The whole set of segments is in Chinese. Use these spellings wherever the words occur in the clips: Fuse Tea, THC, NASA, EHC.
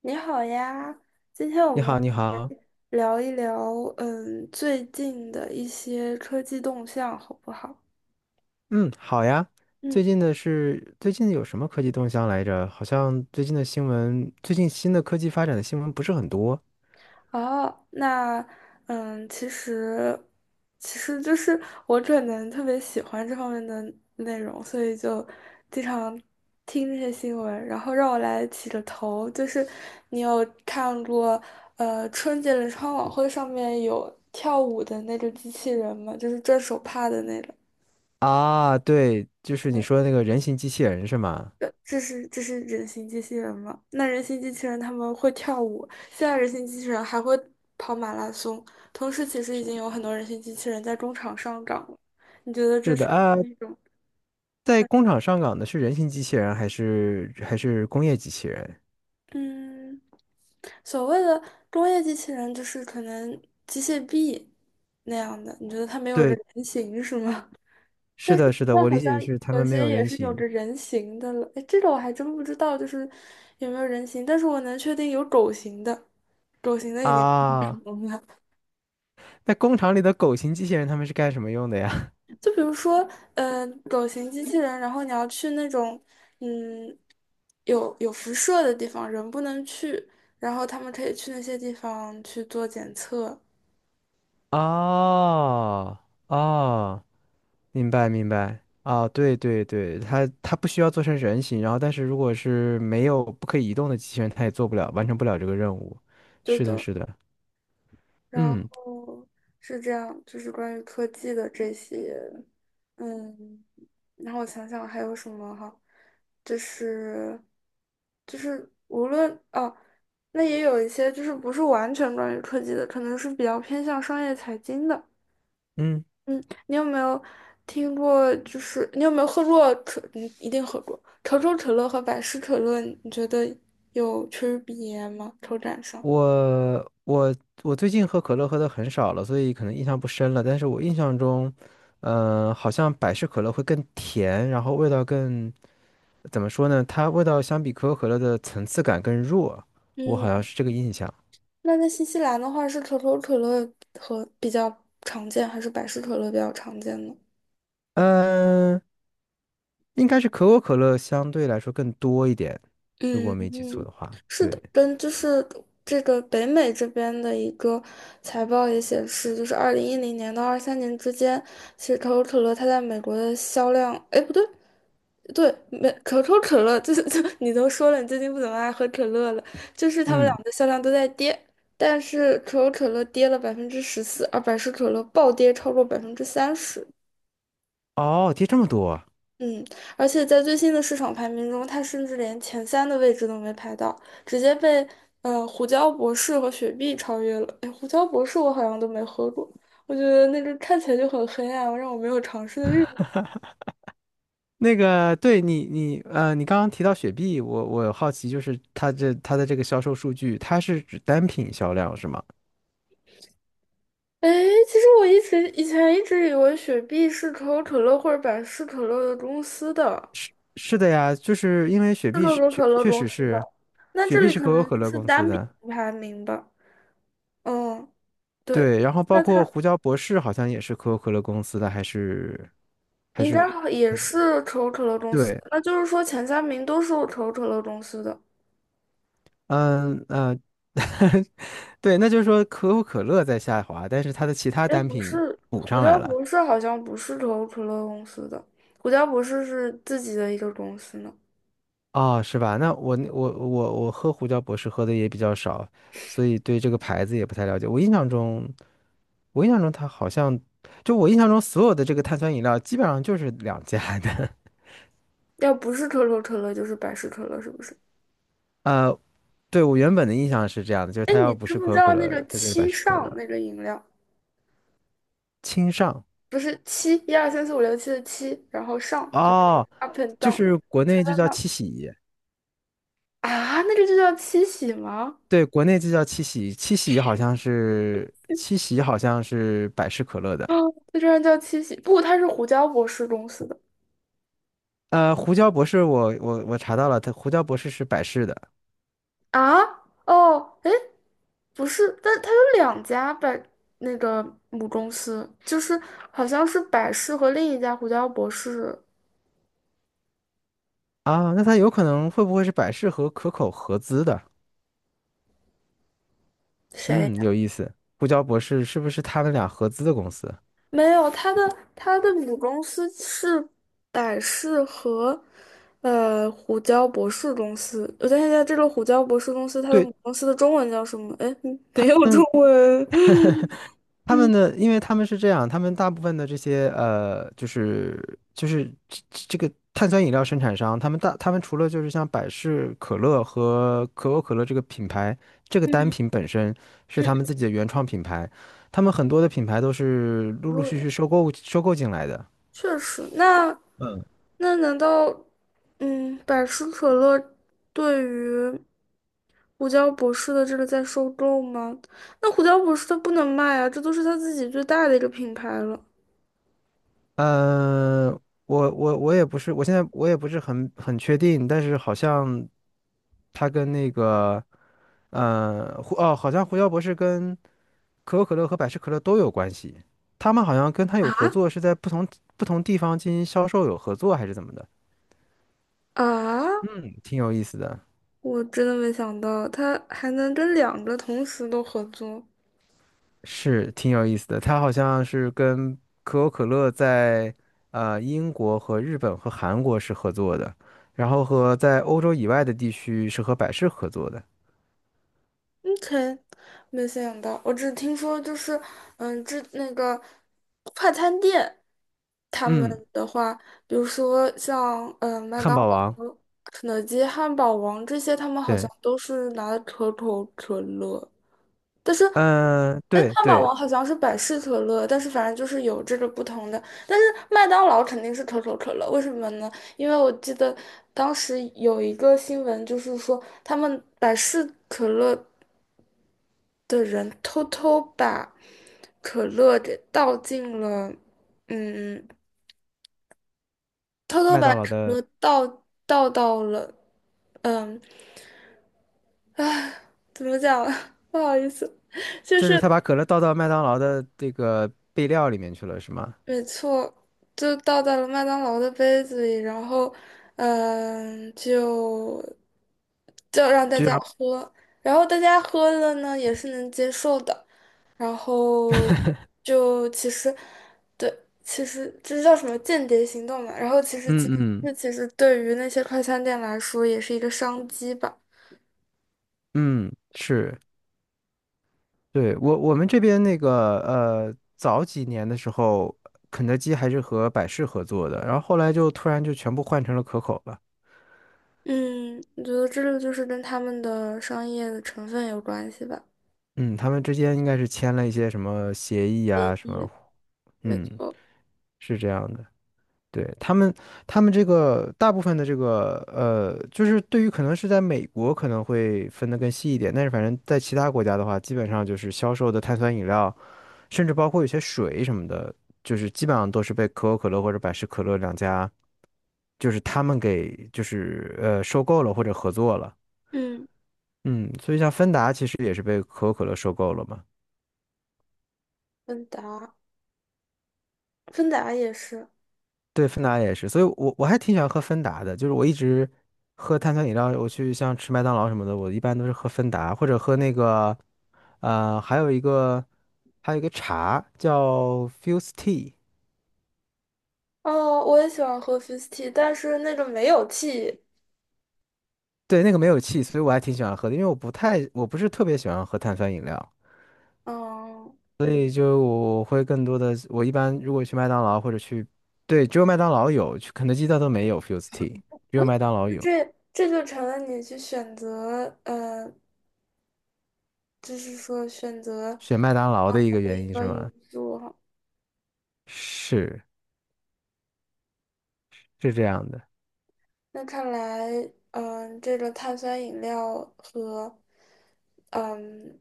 你好呀，今天我你们好，你来好。聊一聊，最近的一些科技动向，好不好？嗯，好呀。嗯，最近有什么科技动向来着？好像最近的新闻，最近新的科技发展的新闻不是很多哦，那，嗯，其实，其实就是我可能特别喜欢这方面的内容，所以就经常听这些新闻。然后让我来起个头，就是你有看过，春节联欢晚会上面有跳舞的那个机器人吗？就是转手帕的那个。啊。对，就是你说的那个人形机器人是吗？这是人形机器人吗？那人形机器人他们会跳舞，现在人形机器人还会跑马拉松，同时其实已经有很多人形机器人在中场上岗了。你觉得这是的是啊，是一种在工厂上岗的是人形机器人还是工业机器人？嗯，所谓的工业机器人就是可能机械臂那样的？你觉得它没有着对，人形是吗？是但是的，是现的，在我好理像解是他有们没些有也人是有形着人形的了，哎，这个我还真不知道，就是有没有人形，但是我能确定有狗形的。狗型的已经很啊。容了。那工厂里的狗型机器人他们是干什么用的呀？就比如说，狗型机器人，然后你要去那种，嗯，有辐射的地方，人不能去，然后他们可以去那些地方去做检测，哦哦。明白明白啊，对对对，它不需要做成人形，然后但是如果是没有不可以移动的机器人，它也做不了，完成不了这个任务。就是的，等是的，然嗯后是这样，就是关于科技的这些，嗯，然后我想想还有什么哈，就是就是无论哦，那也有一些就是不是完全关于科技的，可能是比较偏向商业财经的。嗯，嗯，你有没有听过？就是你有没有喝过可？你一定喝过可口可乐和百事可乐，你觉得有区别吗？口感上？我我我最近喝可乐喝的很少了，所以可能印象不深了。但是我印象中，好像百事可乐会更甜，然后味道更，怎么说呢？它味道相比可口可乐的层次感更弱，我好像嗯。是这个印象。那在新西兰的话，是可口可乐和比较常见，还是百事可乐比较常见呢？嗯、应该是可口可乐相对来说更多一点，如嗯果没记错嗯，的话。是的，对，跟就是这个北美这边的一个财报也显示，就是2010年到23年之间，其实可口可乐它在美国的销量，哎，不对。对，可口可乐就是 就你都说了，你最近不怎么爱喝可乐了，就是他们嗯，两个的销量都在跌，但是可口可乐跌了14%，而百事可乐暴跌超过30%。哦，跌这么多啊。嗯，而且在最新的市场排名中，它甚至连前三的位置都没排到，直接被胡椒博士和雪碧超越了。哎，胡椒博士我好像都没喝过，我觉得那个看起来就很黑暗，让我没有尝试的欲望。那个，对你，你刚刚提到雪碧，我好奇，就是它的这个销售数据，它是指单品销量是吗？哎，其实我一直以前一直以为雪碧是可口可乐或者百事可乐的公司的，是的呀，就是因为雪是碧可是口确可乐确公实司是，的，那雪这碧里是可可口能可就乐是公司单品的，排名吧。嗯，对，对，然后包那括它。胡椒博士好像也是可口可乐公司的，还是还应是该好也还是是可口可乐公司，对。那就是说前三名都是可口可乐公司的。嗯呃，对，那就是说可口可乐在下滑，但是它的其他哎，单不品是，补胡上来椒了。博士好像不是可口可乐公司的，胡椒博士是自己的一个公司呢。哦，是吧？那我喝胡椒博士喝的也比较少，所以对这个牌子也不太了解。我印象中，我印象中它好像，就我印象中所有的这个碳酸饮料基本上就是两家的。要不是可口可乐，就是百事可乐，是不是？呃，对，我原本的印象是这样的，就是哎，它你要不知是不可知口可道那乐，个它就是百七事可上乐。那个饮料？清上，不是七，一二三四五六七的七，然后上就是 哦，up and 就 down，是国在内就叫那七喜。啊，那个就叫七喜吗？对，国内这叫七喜，七喜好像是百事可乐的。啊，那居然叫七喜，不，它是胡椒博士公司的。呃，胡椒博士我，我查到了，它胡椒博士是百事的啊，哦，哎，不是，但它有两家那个母公司，就是好像是百事和另一家胡椒博士，啊，那它有可能会不会是百事和可口合资的？谁嗯，呀有意思，胡椒博士是不是他们俩合资的公司？没有，它的母公司是百事和胡椒博士公司。我想一下，这个胡椒博士公司它的对，母公司的中文叫什么？哎，没他有中们文。他嗯们的，因为他们是这样，他们大部分的这些就是这这个碳酸饮料生产商，他们除了就是像百事可乐和可口可乐这个品牌，这个嗯单嗯，品本身是嗯，他们自己的原创品牌，他们很多的品牌都是陆陆对续的，续收购进来的。确实。那难道，百事可乐对于胡椒博士的这个在收购吗？那胡椒博士他不能卖啊，这都是他自己最大的一个品牌了嗯、我也不是，我现在我也不是很确定，但是好像他跟那个呃胡哦，好像胡椒博士跟可口可乐和百事可乐都有关系。他们好像跟他有合啊作，是在不同地方进行销售有合作，还是怎么的？啊！嗯，挺有意思的，我真的没想到他还能跟两个同时都合作。是挺有意思的。他好像是跟可口可乐在英国和日本和韩国是合作的，然后和在欧洲以外的地区是和百事合作的。嗯，k 没想到，我只听说就是，那个快餐店，他们嗯，的话，比如说像麦汉当劳、堡王，肯德基、汉堡王这些，他们好像对，都是拿可口可乐，但是，嗯、哎，对汉堡对，王好像是百事可乐，但是反正就是有这个不同的，但是麦当劳肯定是可口可乐，为什么呢？因为我记得当时有一个新闻，就是说他们百事可乐的人偷偷把可乐给倒进了，嗯，偷偷麦把当劳可的，乐倒到了，嗯，怎么讲？不好意思，就就是他是。把可乐倒到麦当劳的这个备料里面去了，是吗？没错，就倒在了麦当劳的杯子里，然后，嗯，就就让大居家然，喝，然后大家喝了呢，也是能接受的，然后就其实，对，其实这叫什么间谍行动嘛，然后其实嗯其实嗯。这其实对于那些快餐店来说也是一个商机吧，嗯，是，对，我我们这边那个早几年的时候，肯德基还是和百事合作的，然后后来就突然就全部换成了可口了。嗯，我觉得这个就是跟他们的商业的成分有关系吧，嗯，他们之间应该是签了一些什么协议啊，什么，也没嗯，错，是这样的。对，他们，他们这个大部分的这个就是对于可能是在美国可能会分得更细一点，但是反正在其他国家的话，基本上就是销售的碳酸饮料，甚至包括有些水什么的，就是基本上都是被可口可乐或者百事可乐两家，就是他们给收购了或者合作了。嗯，嗯，所以像芬达其实也是被可口可乐收购了嘛。问答。芬达也是。对，芬达也是，所以我还挺喜欢喝芬达的，就是我一直喝碳酸饮料，我去像吃麦当劳什么的，我一般都是喝芬达或者喝那个，呃，还有一个茶叫 Fuse Tea，哦，我也喜欢喝 f i z t e 但是那种没有 tea。对，那个没有气，所以我还挺喜欢喝的，因为我不是特别喜欢喝碳酸饮料，嗯，所以就我会更多的我一般如果去麦当劳或者去，对，只有麦当劳有，去肯德基它都没有 Fuse Tea，只有麦当劳有，这就成了你去选择，就是说选择选麦当劳的一个的原一因是个吗？因素哈。是是这样的。那看来，这个碳酸饮料和嗯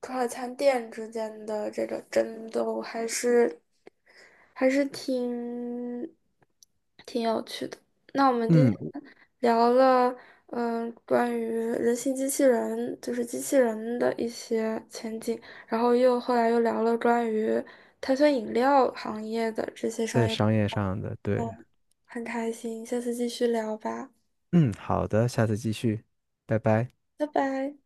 快餐店之间的这个争斗还是挺有趣的。那我们今嗯，天聊了，关于人形机器人，就是机器人的一些前景，然后又后来又聊了关于碳酸饮料行业的这些在商业，商业上的，对，嗯，很开心，下次继续聊吧，嗯，好的，下次继续，拜拜。拜拜。